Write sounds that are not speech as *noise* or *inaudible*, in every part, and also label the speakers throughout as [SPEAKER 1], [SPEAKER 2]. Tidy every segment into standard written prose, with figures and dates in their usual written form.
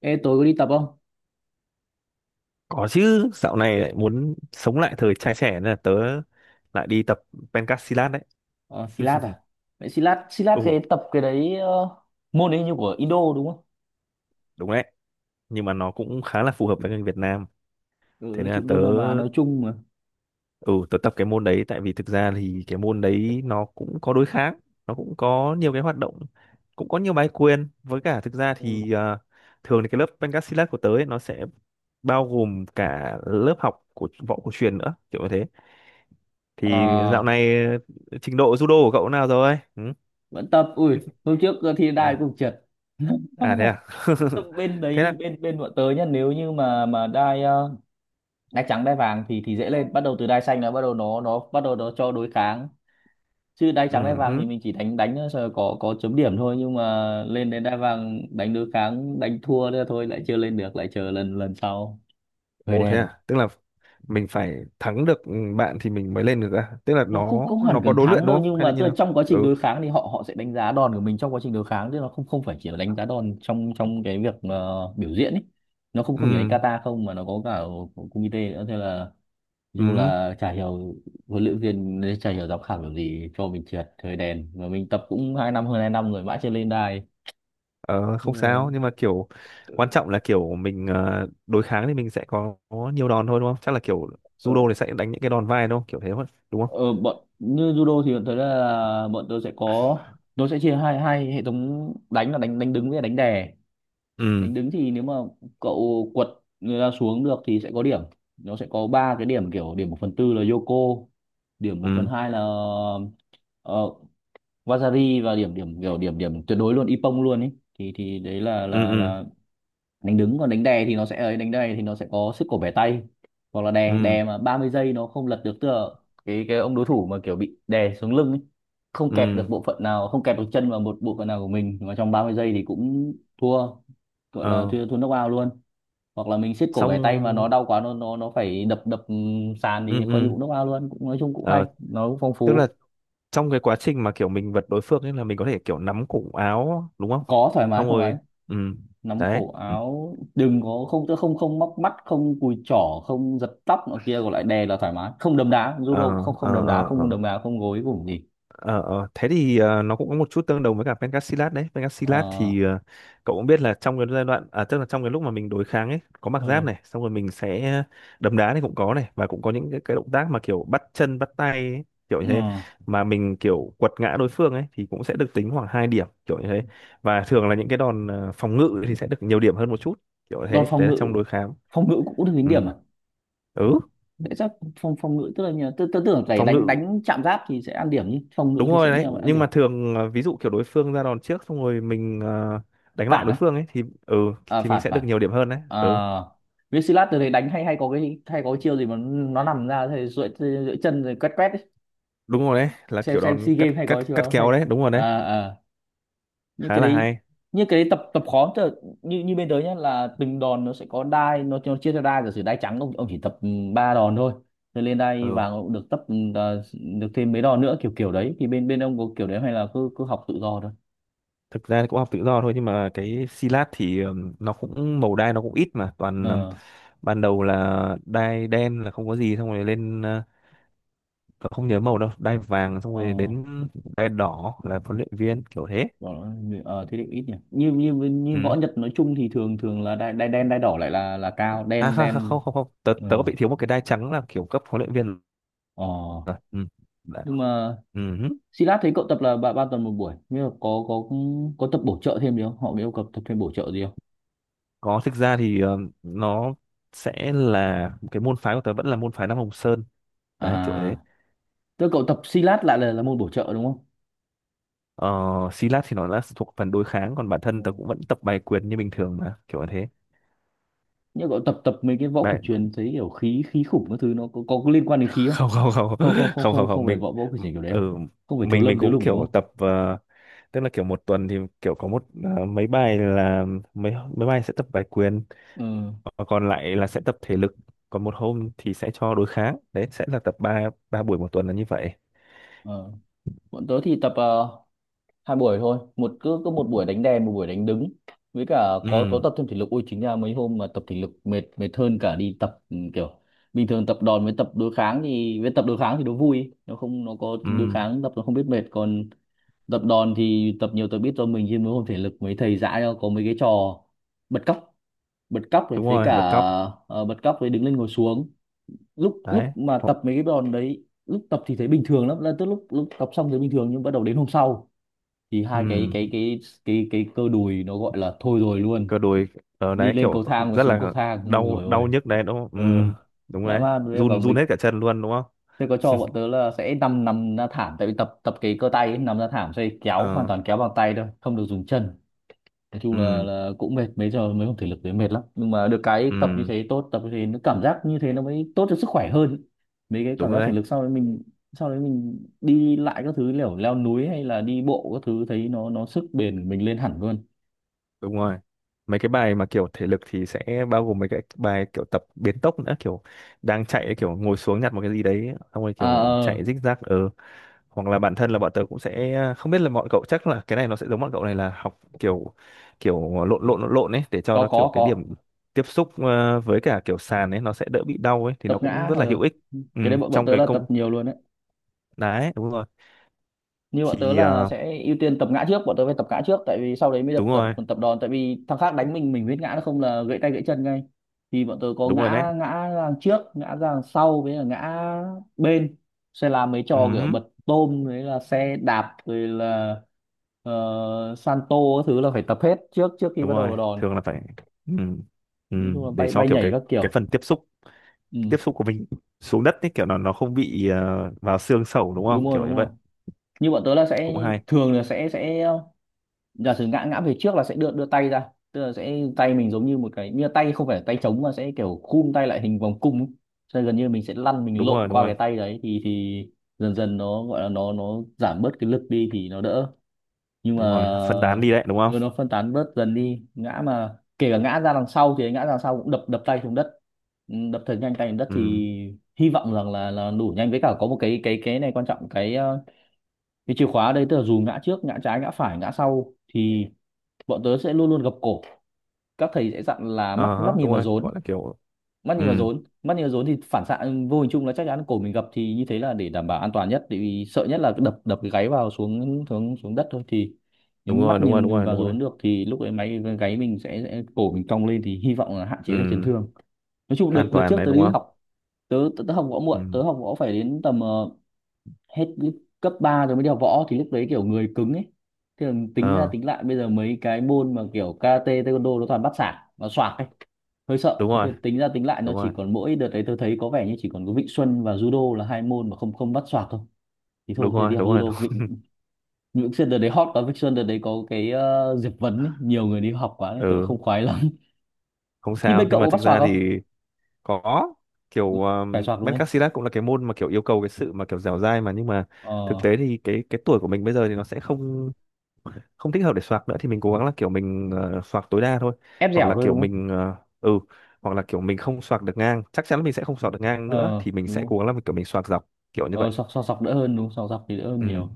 [SPEAKER 1] Ê, tối có đi tập không?
[SPEAKER 2] Có chứ, dạo này lại muốn sống lại thời trai trẻ nên là tớ lại đi tập pencak silat đấy.
[SPEAKER 1] Ờ, Silat à? Vậy Silat, Silat
[SPEAKER 2] Ừ,
[SPEAKER 1] cái tập cái đấy, môn đấy như của Indo đúng không?
[SPEAKER 2] đúng đấy, nhưng mà nó cũng khá là phù hợp với người Việt Nam.
[SPEAKER 1] Ừ,
[SPEAKER 2] Thế
[SPEAKER 1] nói
[SPEAKER 2] nên là
[SPEAKER 1] chung
[SPEAKER 2] tớ
[SPEAKER 1] Đông Nam Á nói chung mà.
[SPEAKER 2] ừ, tớ tập cái môn đấy tại vì thực ra thì cái môn đấy nó cũng có đối kháng, nó cũng có nhiều cái hoạt động, cũng có nhiều bài quyền. Với cả thực ra
[SPEAKER 1] Ừ.
[SPEAKER 2] thì thường thì cái lớp pencak silat của tớ ấy, nó sẽ bao gồm cả lớp học của võ cổ truyền nữa, kiểu như thế. Thì dạo
[SPEAKER 1] Ờ,
[SPEAKER 2] này trình độ judo của cậu nào rồi? Ừ.
[SPEAKER 1] vẫn tập. Ui, hôm trước thì đai
[SPEAKER 2] *laughs*
[SPEAKER 1] cũng trượt. *laughs*
[SPEAKER 2] À thế à?
[SPEAKER 1] Tập bên
[SPEAKER 2] *laughs* Thế là
[SPEAKER 1] đấy bên bên bọn tớ nhá, nếu như mà đai đai trắng đai vàng thì dễ lên, bắt đầu từ đai xanh là bắt đầu nó bắt đầu nó cho đối kháng. Chứ đai
[SPEAKER 2] ừ
[SPEAKER 1] trắng đai vàng
[SPEAKER 2] hứ.
[SPEAKER 1] thì mình chỉ đánh đánh rồi có chấm điểm thôi, nhưng mà lên đến đai vàng đánh đối kháng đánh thua nữa thôi lại chưa lên được, lại chờ lần lần sau. Hơi
[SPEAKER 2] Ồ thế
[SPEAKER 1] đen.
[SPEAKER 2] à? Tức là mình phải thắng được bạn thì mình mới lên được à? Tức là
[SPEAKER 1] Nó không
[SPEAKER 2] nó
[SPEAKER 1] không
[SPEAKER 2] nó
[SPEAKER 1] hẳn
[SPEAKER 2] có
[SPEAKER 1] cần
[SPEAKER 2] đối luyện
[SPEAKER 1] thắng
[SPEAKER 2] đúng
[SPEAKER 1] đâu,
[SPEAKER 2] không?
[SPEAKER 1] nhưng
[SPEAKER 2] Hay là
[SPEAKER 1] mà
[SPEAKER 2] như
[SPEAKER 1] tức là
[SPEAKER 2] nào?
[SPEAKER 1] trong quá trình
[SPEAKER 2] Ừ.
[SPEAKER 1] đối kháng thì họ họ sẽ đánh giá đòn của mình trong quá trình đối kháng, chứ nó không không phải chỉ là đánh giá đòn trong trong cái việc, biểu diễn ấy. Nó không
[SPEAKER 2] Ừ.
[SPEAKER 1] không chỉ đánh kata không mà nó có cả kumite nữa. Thế là dù
[SPEAKER 2] Ừ.
[SPEAKER 1] là chả hiểu huấn luyện viên, chả hiểu giám khảo kiểu gì cho mình trượt thời đèn, mà mình tập cũng hai năm, hơn hai năm rồi mãi chưa lên đài.
[SPEAKER 2] Ờ không
[SPEAKER 1] Nhưng mà
[SPEAKER 2] sao, nhưng mà kiểu quan trọng là kiểu mình đối kháng thì mình sẽ có nhiều đòn thôi đúng không? Chắc là kiểu
[SPEAKER 1] ở,
[SPEAKER 2] judo thì sẽ đánh những cái đòn vai đúng không? Kiểu thế thôi, đúng
[SPEAKER 1] ở
[SPEAKER 2] không?
[SPEAKER 1] bọn như judo thì thấy là bọn tôi sẽ có, tôi sẽ chia hai hai hệ thống đánh là đánh đánh đứng với đánh đè.
[SPEAKER 2] Ừ.
[SPEAKER 1] Đánh đứng thì nếu mà cậu quật người ta xuống được thì sẽ có điểm. Nó sẽ có ba cái điểm, kiểu điểm một phần tư là Yoko, điểm một phần
[SPEAKER 2] Ừ.
[SPEAKER 1] hai là, ờ, Wazari, và điểm điểm kiểu điểm điểm tuyệt đối luôn Ippon luôn ấy, thì đấy là
[SPEAKER 2] Ừ ừ.
[SPEAKER 1] đánh đứng. Còn đánh đè thì nó sẽ ấy, đánh đè thì nó sẽ có sức cổ bẻ tay, hoặc là đè
[SPEAKER 2] Ừ.
[SPEAKER 1] đè mà 30 giây nó không lật được, tức là cái ông đối thủ mà kiểu bị đè xuống lưng ấy, không kẹp được
[SPEAKER 2] Ừ.
[SPEAKER 1] bộ phận nào, không kẹp được chân vào một bộ phận nào của mình, mà trong 30 giây thì cũng thua, gọi là
[SPEAKER 2] Ờ
[SPEAKER 1] thua thua knock out luôn. Hoặc là mình siết cổ bẻ tay mà nó
[SPEAKER 2] xong
[SPEAKER 1] đau quá, nó phải đập đập sàn
[SPEAKER 2] ừ
[SPEAKER 1] thì coi như
[SPEAKER 2] ừ.
[SPEAKER 1] cũng knock luôn. Cũng nói chung cũng hay,
[SPEAKER 2] Ờ,
[SPEAKER 1] nó cũng phong
[SPEAKER 2] tức là
[SPEAKER 1] phú.
[SPEAKER 2] trong cái quá trình mà kiểu mình vật đối phương ấy, là mình có thể kiểu nắm cổ áo đúng không?
[SPEAKER 1] Có, thoải mái
[SPEAKER 2] Xong
[SPEAKER 1] thoải mái
[SPEAKER 2] rồi. Ừ
[SPEAKER 1] nắm
[SPEAKER 2] đấy
[SPEAKER 1] cổ
[SPEAKER 2] ừ.
[SPEAKER 1] áo, đừng có không, tức không, không móc mắt, không cùi chỏ, không giật tóc nọ kia, còn lại đè là thoải mái, không đấm đá
[SPEAKER 2] Ờ
[SPEAKER 1] judo, không không
[SPEAKER 2] ờ
[SPEAKER 1] đấm đá,
[SPEAKER 2] ờ ờ.
[SPEAKER 1] không đấm đá, không gối cũng gì.
[SPEAKER 2] Ờ, ờ, thế thì nó cũng có một chút tương đồng với cả Pencastilat đấy. Pencastilat
[SPEAKER 1] Ờ
[SPEAKER 2] thì cậu cũng biết là trong cái giai đoạn, à, tức là trong cái lúc mà mình đối kháng ấy, có mặc
[SPEAKER 1] ờ
[SPEAKER 2] giáp này, xong rồi mình sẽ đấm đá này cũng có này, và cũng có những cái động tác mà kiểu bắt chân, bắt tay ấy, kiểu như thế,
[SPEAKER 1] ờ.
[SPEAKER 2] mà mình kiểu quật ngã đối phương ấy thì cũng sẽ được tính khoảng 2 điểm kiểu như thế. Và thường là những cái đòn phòng ngự thì sẽ được nhiều điểm hơn một chút kiểu
[SPEAKER 1] Đòn
[SPEAKER 2] thế.
[SPEAKER 1] phòng
[SPEAKER 2] Đấy là
[SPEAKER 1] ngự,
[SPEAKER 2] trong đối kháng.
[SPEAKER 1] phòng ngự cũng được tính
[SPEAKER 2] Ừ,
[SPEAKER 1] điểm à?
[SPEAKER 2] ừ,
[SPEAKER 1] Lẽ chắc phòng phòng ngự, tức là nhờ tôi tưởng phải
[SPEAKER 2] phòng
[SPEAKER 1] đánh,
[SPEAKER 2] ngự
[SPEAKER 1] đánh chạm giáp thì sẽ ăn điểm, nhưng phòng ngự
[SPEAKER 2] đúng
[SPEAKER 1] thì sẽ
[SPEAKER 2] rồi đấy,
[SPEAKER 1] nhiều ăn
[SPEAKER 2] nhưng
[SPEAKER 1] điểm.
[SPEAKER 2] mà thường ví dụ kiểu đối phương ra đòn trước xong rồi mình đánh lại
[SPEAKER 1] Phản
[SPEAKER 2] đối
[SPEAKER 1] á?
[SPEAKER 2] phương ấy thì ừ
[SPEAKER 1] À,
[SPEAKER 2] thì mình
[SPEAKER 1] phản
[SPEAKER 2] sẽ
[SPEAKER 1] phản
[SPEAKER 2] được nhiều điểm hơn đấy.
[SPEAKER 1] À,
[SPEAKER 2] Ừ,
[SPEAKER 1] Vinsilat từ đấy đánh hay, hay có cái chiêu gì mà nó nằm ra thì duỗi duỗi chân rồi quét quét ấy.
[SPEAKER 2] đúng rồi, đấy là
[SPEAKER 1] xem
[SPEAKER 2] kiểu
[SPEAKER 1] xem
[SPEAKER 2] đòn
[SPEAKER 1] SEA
[SPEAKER 2] cắt
[SPEAKER 1] Games hay có
[SPEAKER 2] cắt cắt
[SPEAKER 1] chưa hay,
[SPEAKER 2] kéo đấy, đúng rồi đấy.
[SPEAKER 1] à, à. Như
[SPEAKER 2] Khá
[SPEAKER 1] cái
[SPEAKER 2] là
[SPEAKER 1] đấy,
[SPEAKER 2] hay.
[SPEAKER 1] như cái đấy tập, tập khó chứ. Như như bên tớ nhá, là từng đòn nó sẽ có đai, nó chia ra đai, giả sử đai trắng ông chỉ tập, ba đòn thôi, rồi lên đai
[SPEAKER 2] Ừ,
[SPEAKER 1] vàng ông được tập, được thêm mấy đòn nữa kiểu kiểu đấy, thì bên bên ông có kiểu đấy hay là cứ cứ học tự do thôi.
[SPEAKER 2] thực ra thì cũng học tự do thôi, nhưng mà cái silat thì nó cũng màu đai nó cũng ít, mà toàn là-
[SPEAKER 1] Ờ
[SPEAKER 2] ban đầu là đai đen là không có gì, xong rồi lên tôi không nhớ màu đâu, đai vàng xong rồi
[SPEAKER 1] ờ.
[SPEAKER 2] đến đai đỏ là huấn luyện viên, kiểu thế.
[SPEAKER 1] Bảo nó nhiều- ờ thế thì ít nhỉ, như như như võ
[SPEAKER 2] Ừ.
[SPEAKER 1] Nhật nói chung thì thường thường là đai, đai đai đỏ lại là cao
[SPEAKER 2] À,
[SPEAKER 1] đen
[SPEAKER 2] không không không
[SPEAKER 1] đen
[SPEAKER 2] không không. Tớ
[SPEAKER 1] Ờ
[SPEAKER 2] tớ có bị thiếu một cái đai trắng là kiểu cấp huấn luyện viên.
[SPEAKER 1] ờ.
[SPEAKER 2] Rồi, ừ, đã-
[SPEAKER 1] Nhưng mà
[SPEAKER 2] ừ hứ.
[SPEAKER 1] Silat thấy cậu tập là ba ba tuần một buổi, nhưng mà có tập bổ trợ thêm gì không, họ có yêu cầu tập thêm bổ trợ gì không?
[SPEAKER 2] Có, thực ra thì nó sẽ là cái môn phái của tớ vẫn là môn phái Nam Hồng Sơn đấy, kiểu thế.
[SPEAKER 1] À, tức là cậu tập Silat lại là môn bổ trợ đúng không?
[SPEAKER 2] Ờ, Xí lát thì nó là thuộc phần đối kháng, còn bản
[SPEAKER 1] Ừ.
[SPEAKER 2] thân tớ cũng vẫn tập bài quyền như bình thường, mà kiểu như thế.
[SPEAKER 1] Nhưng cậu tập, tập mấy cái võ cổ
[SPEAKER 2] Bài.
[SPEAKER 1] truyền
[SPEAKER 2] *laughs*
[SPEAKER 1] thấy kiểu khí khí khủng các thứ, nó có, liên quan đến khí
[SPEAKER 2] Không
[SPEAKER 1] không?
[SPEAKER 2] không không.
[SPEAKER 1] không
[SPEAKER 2] *laughs*
[SPEAKER 1] không không
[SPEAKER 2] Không không
[SPEAKER 1] không
[SPEAKER 2] không
[SPEAKER 1] không phải
[SPEAKER 2] mình.
[SPEAKER 1] võ võ cổ truyền kiểu đấy à?
[SPEAKER 2] Ừ,
[SPEAKER 1] Không phải thiếu
[SPEAKER 2] mình
[SPEAKER 1] lâm thiếu
[SPEAKER 2] cũng
[SPEAKER 1] lủng đúng
[SPEAKER 2] kiểu
[SPEAKER 1] không?
[SPEAKER 2] tập tức là kiểu một tuần thì kiểu có một mấy bài là mấy mấy bài sẽ tập bài quyền,
[SPEAKER 1] Ừ.
[SPEAKER 2] và còn lại là sẽ tập thể lực, còn một hôm thì sẽ cho đối kháng đấy, sẽ là tập ba ba buổi một tuần là như vậy.
[SPEAKER 1] Ờ. Bọn tớ thì tập, hai buổi thôi, một cứ cứ một buổi đánh đèn, một buổi đánh đứng, với cả có
[SPEAKER 2] Ừ
[SPEAKER 1] tập thêm thể lực. Ôi chính ra mấy hôm mà tập thể lực mệt, mệt hơn cả đi tập, kiểu bình thường. Tập đòn với tập đối kháng thì, với tập đối kháng thì nó vui ý, nó không, nó có
[SPEAKER 2] ừ,
[SPEAKER 1] tính đối kháng, tập nó không biết mệt. Còn tập đòn thì tập nhiều tập biết cho mình, nhưng mấy hôm thể lực mấy thầy dạy cho có mấy cái trò bật cóc, bật cóc rồi
[SPEAKER 2] đúng
[SPEAKER 1] với
[SPEAKER 2] rồi, bật
[SPEAKER 1] cả,
[SPEAKER 2] cóc
[SPEAKER 1] bật cóc với đứng lên ngồi xuống. Lúc lúc
[SPEAKER 2] đấy.
[SPEAKER 1] mà
[SPEAKER 2] Ồ,
[SPEAKER 1] tập mấy cái đòn đấy, lúc tập thì thấy bình thường lắm, là tức lúc lúc tập xong thấy bình thường, nhưng bắt đầu đến hôm sau thì
[SPEAKER 2] ừ,
[SPEAKER 1] hai cái cơ đùi nó gọi là thôi rồi luôn.
[SPEAKER 2] cơ đùi ở
[SPEAKER 1] Đi
[SPEAKER 2] đấy
[SPEAKER 1] lên
[SPEAKER 2] kiểu
[SPEAKER 1] cầu thang và
[SPEAKER 2] rất
[SPEAKER 1] xuống cầu
[SPEAKER 2] là
[SPEAKER 1] thang, ui
[SPEAKER 2] đau,
[SPEAKER 1] rồi
[SPEAKER 2] đau
[SPEAKER 1] ôi,
[SPEAKER 2] nhức đấy đúng không?
[SPEAKER 1] ừ,
[SPEAKER 2] Ừ, đúng
[SPEAKER 1] dã
[SPEAKER 2] đấy.
[SPEAKER 1] man. Bây giờ
[SPEAKER 2] Run
[SPEAKER 1] còn
[SPEAKER 2] run
[SPEAKER 1] mấy
[SPEAKER 2] hết cả chân luôn đúng không?
[SPEAKER 1] thế, có cho bọn
[SPEAKER 2] *laughs*
[SPEAKER 1] tớ là sẽ nằm nằm ra thảm, tại vì tập, tập cái cơ tay ấy, nằm ra thảm sẽ kéo, hoàn
[SPEAKER 2] Ờ,
[SPEAKER 1] toàn kéo bằng tay thôi, không được dùng chân. Nói chung
[SPEAKER 2] ừ
[SPEAKER 1] là cũng mệt, mấy giờ mới không, thể lực đấy mệt lắm, nhưng mà được cái
[SPEAKER 2] ừ,
[SPEAKER 1] tập như thế tốt, tập như thế nó cảm giác, như thế nó mới tốt cho sức khỏe hơn. Mấy cái
[SPEAKER 2] đúng
[SPEAKER 1] cảm
[SPEAKER 2] rồi
[SPEAKER 1] giác thể
[SPEAKER 2] đấy,
[SPEAKER 1] lực sau đấy mình, sau đấy mình đi lại các thứ kiểu leo núi hay là đi bộ các thứ, thấy nó sức bền của mình lên hẳn luôn.
[SPEAKER 2] đúng rồi. Mấy cái bài mà kiểu thể lực thì sẽ bao gồm mấy cái bài kiểu tập biến tốc nữa, kiểu đang chạy kiểu ngồi xuống nhặt một cái gì đấy, xong rồi
[SPEAKER 1] À,
[SPEAKER 2] kiểu
[SPEAKER 1] ờ,
[SPEAKER 2] chạy rích rác. Hoặc là bản thân là bọn tớ cũng sẽ không biết là bọn cậu, chắc là cái này nó sẽ giống bọn cậu, này là học kiểu kiểu lộn lộn ấy để cho nó kiểu
[SPEAKER 1] có
[SPEAKER 2] cái
[SPEAKER 1] có.
[SPEAKER 2] điểm tiếp xúc với cả kiểu sàn ấy, nó sẽ đỡ bị đau ấy, thì
[SPEAKER 1] Tập
[SPEAKER 2] nó cũng
[SPEAKER 1] ngã,
[SPEAKER 2] rất là hữu
[SPEAKER 1] ờ.
[SPEAKER 2] ích. Ừ,
[SPEAKER 1] Cái đấy bọn bọn
[SPEAKER 2] trong
[SPEAKER 1] tớ
[SPEAKER 2] cái
[SPEAKER 1] là tập
[SPEAKER 2] công
[SPEAKER 1] nhiều luôn đấy.
[SPEAKER 2] đấy, đúng rồi.
[SPEAKER 1] Như bọn tớ
[SPEAKER 2] Thì
[SPEAKER 1] là sẽ ưu tiên tập ngã trước, bọn tớ phải tập ngã trước, tại vì sau đấy mới
[SPEAKER 2] đúng
[SPEAKER 1] được tập,
[SPEAKER 2] rồi
[SPEAKER 1] tập đòn, tại vì thằng khác đánh mình biết ngã, nó không là gãy tay gãy chân ngay. Thì bọn tớ có
[SPEAKER 2] đúng rồi đấy.
[SPEAKER 1] ngã ngã ra trước, ngã ra đằng sau, với là ngã bên, sẽ làm mấy
[SPEAKER 2] Ừ,
[SPEAKER 1] trò kiểu bật tôm đấy, là xe đạp rồi là, ờ, Santo các thứ, là phải tập hết trước trước khi
[SPEAKER 2] đúng
[SPEAKER 1] bắt đầu
[SPEAKER 2] rồi,
[SPEAKER 1] vào đòn.
[SPEAKER 2] thường là phải. Ừ, ừ,
[SPEAKER 1] Nói chung là
[SPEAKER 2] để
[SPEAKER 1] bay
[SPEAKER 2] cho
[SPEAKER 1] bay
[SPEAKER 2] kiểu
[SPEAKER 1] nhảy
[SPEAKER 2] cái
[SPEAKER 1] các
[SPEAKER 2] cái
[SPEAKER 1] kiểu.
[SPEAKER 2] phần tiếp xúc
[SPEAKER 1] Ừ,
[SPEAKER 2] tiếp xúc của mình xuống đất ấy, kiểu nó không bị vào xương sẩu đúng
[SPEAKER 1] đúng
[SPEAKER 2] không,
[SPEAKER 1] rồi
[SPEAKER 2] kiểu như
[SPEAKER 1] đúng
[SPEAKER 2] vậy.
[SPEAKER 1] rồi. Như bọn tớ là sẽ
[SPEAKER 2] Cũng hay,
[SPEAKER 1] thường là sẽ giả sử ngã ngã về trước là sẽ đưa đưa tay ra, tức là sẽ tay mình giống như một cái, như tay không, phải tay trống mà sẽ kiểu khum tay lại hình vòng cung ấy. Cho nên gần như mình sẽ lăn, mình
[SPEAKER 2] đúng
[SPEAKER 1] lộn
[SPEAKER 2] rồi đúng
[SPEAKER 1] qua
[SPEAKER 2] rồi
[SPEAKER 1] cái tay đấy thì dần dần nó gọi là nó giảm bớt cái lực đi thì nó đỡ. Nhưng mà
[SPEAKER 2] đúng rồi, phân tán đi đấy đúng
[SPEAKER 1] Ừ,
[SPEAKER 2] không?
[SPEAKER 1] ừ, nó phân tán bớt dần đi, ngã mà kể cả ngã ra đằng sau thì ngã ra đằng sau cũng đập đập tay xuống đất. Ừ, đập thật nhanh tay xuống đất thì
[SPEAKER 2] Ừ.
[SPEAKER 1] hy vọng rằng là đủ nhanh, với cả có một cái này quan trọng, cái, cái chìa khóa ở đây, tức là dù ngã trước, ngã trái, ngã phải, ngã sau thì bọn tớ sẽ luôn luôn gập cổ. Các thầy sẽ dặn là mắt
[SPEAKER 2] Ờ
[SPEAKER 1] mắt
[SPEAKER 2] hả,
[SPEAKER 1] nhìn
[SPEAKER 2] đúng
[SPEAKER 1] vào
[SPEAKER 2] rồi,
[SPEAKER 1] rốn,
[SPEAKER 2] gọi là kiểu.
[SPEAKER 1] mắt
[SPEAKER 2] Ừ,
[SPEAKER 1] nhìn vào rốn, mắt nhìn vào rốn thì phản xạ vô hình chung là chắc chắn cổ mình gập, thì như thế là để đảm bảo an toàn nhất, tại vì sợ nhất là cứ đập đập cái gáy vào, xuống xuống xuống đất thôi, thì nếu
[SPEAKER 2] đúng rồi
[SPEAKER 1] mắt
[SPEAKER 2] đúng rồi
[SPEAKER 1] nhìn
[SPEAKER 2] đúng
[SPEAKER 1] mình
[SPEAKER 2] rồi
[SPEAKER 1] vào
[SPEAKER 2] đúng rồi.
[SPEAKER 1] rốn được thì lúc ấy máy gáy mình sẽ cổ mình cong lên thì hy vọng là hạn chế được chấn
[SPEAKER 2] Ừ,
[SPEAKER 1] thương. Nói chung đợt,
[SPEAKER 2] an
[SPEAKER 1] đợt
[SPEAKER 2] toàn
[SPEAKER 1] trước
[SPEAKER 2] đấy
[SPEAKER 1] tớ
[SPEAKER 2] đúng
[SPEAKER 1] đi
[SPEAKER 2] không?
[SPEAKER 1] học, tớ tớ, tớ học võ
[SPEAKER 2] Ừ.
[SPEAKER 1] muộn, tớ học võ phải đến tầm, hết cái cấp 3 rồi mới đi học võ, thì lúc đấy kiểu người cứng ấy. Thế là tính ra
[SPEAKER 2] Ờ,
[SPEAKER 1] tính lại bây giờ mấy cái môn mà kiểu karate taekwondo nó toàn bắt sảng, nó xoạc ấy, hơi
[SPEAKER 2] đúng
[SPEAKER 1] sợ.
[SPEAKER 2] rồi
[SPEAKER 1] Thế tính ra tính lại nó
[SPEAKER 2] đúng
[SPEAKER 1] chỉ
[SPEAKER 2] rồi
[SPEAKER 1] còn mỗi đợt đấy tôi thấy có vẻ như chỉ còn có Vịnh Xuân và judo là hai môn mà không không bắt xoạc thôi. Thì
[SPEAKER 2] đúng
[SPEAKER 1] thôi thì đi
[SPEAKER 2] rồi
[SPEAKER 1] học
[SPEAKER 2] đúng rồi.
[SPEAKER 1] judo. Vịnh, Vịnh Xuân đợt đấy hot quá. Vịnh Xuân đợt đấy có cái, Diệp Vấn ấy, nhiều người đi học quá
[SPEAKER 2] *laughs*
[SPEAKER 1] nên tớ
[SPEAKER 2] Ừ,
[SPEAKER 1] không khoái lắm.
[SPEAKER 2] không
[SPEAKER 1] *laughs* nhưng
[SPEAKER 2] sao,
[SPEAKER 1] bên
[SPEAKER 2] nhưng
[SPEAKER 1] cậu
[SPEAKER 2] mà
[SPEAKER 1] có
[SPEAKER 2] thực
[SPEAKER 1] bắt xoạc
[SPEAKER 2] ra
[SPEAKER 1] không?
[SPEAKER 2] thì có, kiểu
[SPEAKER 1] Phải xoạc đúng không?
[SPEAKER 2] Mencasilat cũng là cái môn mà kiểu yêu cầu cái sự mà kiểu dẻo dai mà, nhưng mà thực
[SPEAKER 1] Ờ.
[SPEAKER 2] tế thì cái tuổi của mình bây giờ thì nó sẽ không không thích hợp để soạc nữa, thì mình cố gắng là kiểu mình soạc tối đa thôi.
[SPEAKER 1] Ép
[SPEAKER 2] Hoặc
[SPEAKER 1] dẻo
[SPEAKER 2] là
[SPEAKER 1] thôi
[SPEAKER 2] kiểu
[SPEAKER 1] đúng không?
[SPEAKER 2] mình ừ, hoặc là kiểu mình không soạc được ngang, chắc chắn là mình sẽ không soạc được ngang nữa,
[SPEAKER 1] Ờ
[SPEAKER 2] thì mình
[SPEAKER 1] đúng
[SPEAKER 2] sẽ
[SPEAKER 1] không?
[SPEAKER 2] cố gắng là kiểu mình soạc dọc, kiểu như
[SPEAKER 1] Ờ,
[SPEAKER 2] vậy.
[SPEAKER 1] sọc sọc sọc đỡ hơn đúng không? Sọc sọc thì đỡ hơn
[SPEAKER 2] Ừ,
[SPEAKER 1] nhiều.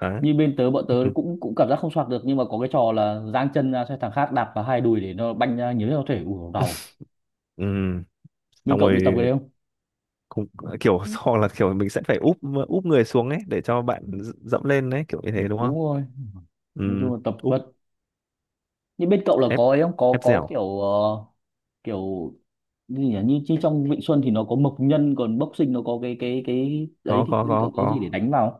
[SPEAKER 2] đấy.
[SPEAKER 1] Như bên tớ bọn tớ
[SPEAKER 2] *laughs*
[SPEAKER 1] cũng cũng cảm giác không soạc được, nhưng mà có cái trò là giang chân ra cho thằng khác đạp vào hai đùi để nó banh ra nhiều nhất có thể, ủ đầu.
[SPEAKER 2] Ừ,
[SPEAKER 1] Bên
[SPEAKER 2] xong
[SPEAKER 1] cậu
[SPEAKER 2] rồi
[SPEAKER 1] bị tập cái đấy không?
[SPEAKER 2] cũng kiểu.
[SPEAKER 1] Ừ.
[SPEAKER 2] *laughs* Hoặc là kiểu mình sẽ phải úp úp người xuống ấy để cho bạn dẫm lên đấy, kiểu như thế đúng không?
[SPEAKER 1] Đúng rồi. Nói
[SPEAKER 2] Ừ,
[SPEAKER 1] chung là tập
[SPEAKER 2] úp,
[SPEAKER 1] vật. Nhưng bên cậu là
[SPEAKER 2] ép
[SPEAKER 1] có ấy không, có
[SPEAKER 2] ép
[SPEAKER 1] có
[SPEAKER 2] dẻo.
[SPEAKER 1] kiểu, kiểu như nhỉ, như, như trong Vịnh Xuân thì nó có mộc nhân, còn boxing nó có cái đấy
[SPEAKER 2] Có
[SPEAKER 1] thì bên
[SPEAKER 2] có
[SPEAKER 1] cậu có gì để
[SPEAKER 2] có.
[SPEAKER 1] đánh vào không?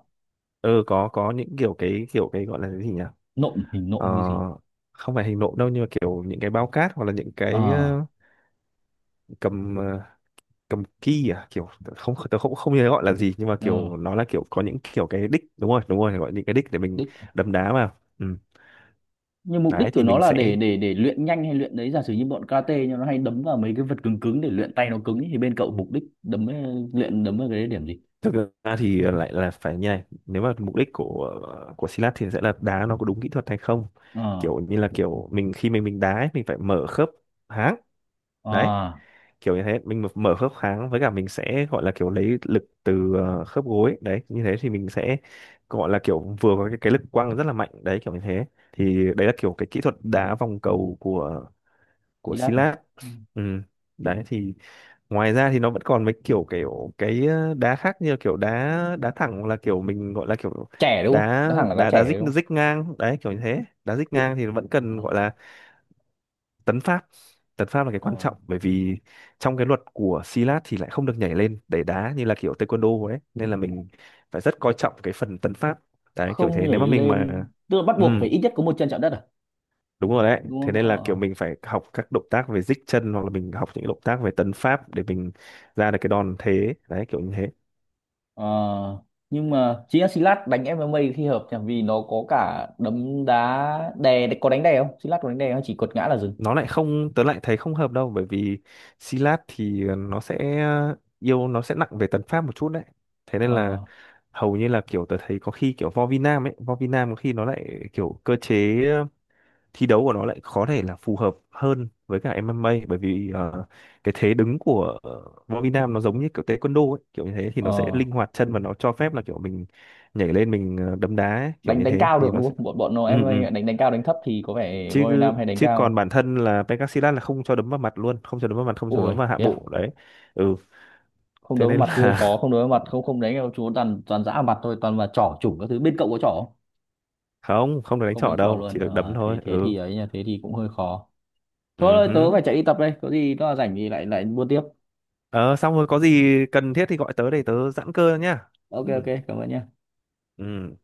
[SPEAKER 2] Ừ, có những kiểu cái gọi là cái gì nhỉ?
[SPEAKER 1] Nộm, hình nộm
[SPEAKER 2] Ờ,
[SPEAKER 1] như cái gì?
[SPEAKER 2] không phải hình nộm đâu, nhưng mà kiểu những cái bao cát hoặc là những cái
[SPEAKER 1] À,
[SPEAKER 2] cầm ờ, cầm ki à, kiểu không, tớ không không nhớ gọi là gì, nhưng mà
[SPEAKER 1] ờ.
[SPEAKER 2] kiểu nó là kiểu có những kiểu cái đích, đúng rồi đúng rồi, gọi những cái đích để mình đấm đá vào. Ừ.
[SPEAKER 1] Nhưng mục đích
[SPEAKER 2] Đấy
[SPEAKER 1] của
[SPEAKER 2] thì
[SPEAKER 1] nó
[SPEAKER 2] mình
[SPEAKER 1] là
[SPEAKER 2] sẽ,
[SPEAKER 1] để luyện nhanh hay luyện đấy, giả sử như bọn karate nhưng nó hay đấm vào mấy cái vật cứng cứng để luyện tay nó cứng ấy, thì bên cậu mục đích đấm ấy- luyện đấm vào cái đấy điểm gì?
[SPEAKER 2] thực ra thì lại là phải như này, nếu mà mục đích của Silat thì sẽ là đá nó có đúng kỹ thuật hay không,
[SPEAKER 1] Ờ.
[SPEAKER 2] kiểu như là kiểu mình khi mình đá ấy, mình phải mở khớp háng đấy,
[SPEAKER 1] À
[SPEAKER 2] kiểu như thế mình mở khớp háng, với cả mình sẽ gọi là kiểu lấy lực từ khớp gối đấy, như thế thì mình sẽ gọi là kiểu vừa có cái lực quăng rất là mạnh đấy, kiểu như thế thì đấy là kiểu cái kỹ thuật đá vòng cầu của
[SPEAKER 1] chỉ
[SPEAKER 2] của
[SPEAKER 1] lát
[SPEAKER 2] Hy
[SPEAKER 1] này.
[SPEAKER 2] Lạp.
[SPEAKER 1] Ừ.
[SPEAKER 2] Ừ, đấy thì ngoài ra thì nó vẫn còn mấy kiểu kiểu cái đá khác, như là kiểu đá đá thẳng, hoặc là kiểu mình gọi là kiểu
[SPEAKER 1] Trẻ đúng không,
[SPEAKER 2] đá
[SPEAKER 1] đã thẳng là giá
[SPEAKER 2] đá
[SPEAKER 1] trẻ
[SPEAKER 2] đá
[SPEAKER 1] đấy
[SPEAKER 2] dích
[SPEAKER 1] đúng không?
[SPEAKER 2] dích ngang đấy, kiểu như thế đá dích
[SPEAKER 1] Vậy-
[SPEAKER 2] ngang thì vẫn cần gọi
[SPEAKER 1] ờ,
[SPEAKER 2] là tấn pháp. Tấn pháp là cái
[SPEAKER 1] ờ.
[SPEAKER 2] quan trọng, bởi vì trong cái luật của Xi Lát thì lại không được nhảy lên để đá như là kiểu taekwondo ấy, nên là mình phải rất coi trọng cái phần tấn pháp đấy, kiểu
[SPEAKER 1] Không
[SPEAKER 2] thế nếu
[SPEAKER 1] nhảy
[SPEAKER 2] mà mình mà
[SPEAKER 1] lên tức là bắt
[SPEAKER 2] ừ.
[SPEAKER 1] buộc phải ít nhất có một chân chạm đất à?
[SPEAKER 2] Đúng rồi đấy.
[SPEAKER 1] Đúng
[SPEAKER 2] Thế
[SPEAKER 1] không?
[SPEAKER 2] nên là kiểu
[SPEAKER 1] Ờ
[SPEAKER 2] mình phải học các động tác về dích chân, hoặc là mình học những động tác về tấn pháp để mình ra được cái đòn thế. Đấy, kiểu như thế.
[SPEAKER 1] ờ. Nhưng mà chính là Silat đánh em A khi hợp nhỉ, vì nó có cả đấm đá đè. Có đánh đè không, Xì lát có đánh đè không, chỉ quật ngã là dừng?
[SPEAKER 2] Nó lại không, tớ lại thấy không hợp đâu, bởi vì Silat thì nó sẽ nặng về tấn pháp một chút đấy. Thế nên là
[SPEAKER 1] Ờ
[SPEAKER 2] hầu như là kiểu tớ thấy có khi kiểu Võ Vi Nam ấy, Võ Vi Nam có khi nó lại kiểu cơ chế thi đấu của nó lại có thể là phù hợp hơn với cả MMA, bởi vì cái thế đứng của võ Việt Nam nó giống như kiểu taekwondo ấy, kiểu như thế thì nó sẽ
[SPEAKER 1] ờ
[SPEAKER 2] linh hoạt chân và nó cho phép là kiểu mình nhảy lên, mình đấm đá ấy, kiểu
[SPEAKER 1] đánh,
[SPEAKER 2] như
[SPEAKER 1] đánh
[SPEAKER 2] thế
[SPEAKER 1] cao
[SPEAKER 2] thì
[SPEAKER 1] được
[SPEAKER 2] nó
[SPEAKER 1] đúng
[SPEAKER 2] sẽ,
[SPEAKER 1] không? Bọn bọn nó em
[SPEAKER 2] ừ ừ,
[SPEAKER 1] ơi, đánh đánh cao đánh thấp thì có vẻ voi Việt
[SPEAKER 2] chứ
[SPEAKER 1] Nam hay đánh
[SPEAKER 2] chứ còn
[SPEAKER 1] cao.
[SPEAKER 2] bản thân là Pencak là không cho đấm vào mặt luôn, không cho đấm vào mặt, không cho
[SPEAKER 1] Ủa
[SPEAKER 2] đấm vào hạ
[SPEAKER 1] thế à?
[SPEAKER 2] bộ đấy. Ừ,
[SPEAKER 1] Không
[SPEAKER 2] thế
[SPEAKER 1] đấu vào
[SPEAKER 2] nên
[SPEAKER 1] mặt thì hơi
[SPEAKER 2] là
[SPEAKER 1] khó. Không đấu vào mặt, không không đánh đâu chú, toàn, toàn dã vào mặt thôi, toàn là trỏ chủng các thứ. Bên cậu có trỏ không?
[SPEAKER 2] *laughs* không không được đánh
[SPEAKER 1] Không
[SPEAKER 2] trỏ
[SPEAKER 1] đánh trỏ
[SPEAKER 2] đâu,
[SPEAKER 1] luôn,
[SPEAKER 2] chỉ được đấm
[SPEAKER 1] ờ, thế
[SPEAKER 2] thôi.
[SPEAKER 1] thế
[SPEAKER 2] Ừ
[SPEAKER 1] thì ấy nha, thế thì cũng hơi khó.
[SPEAKER 2] ừ
[SPEAKER 1] Thôi tớ
[SPEAKER 2] hứ.
[SPEAKER 1] phải chạy đi tập đây, có gì nó rảnh thì lại lại buôn tiếp.
[SPEAKER 2] Ờ, xong rồi có gì cần thiết thì gọi tớ để tớ giãn cơ nhá.
[SPEAKER 1] Ok ok
[SPEAKER 2] Ừ
[SPEAKER 1] cảm ơn nhé.
[SPEAKER 2] ừ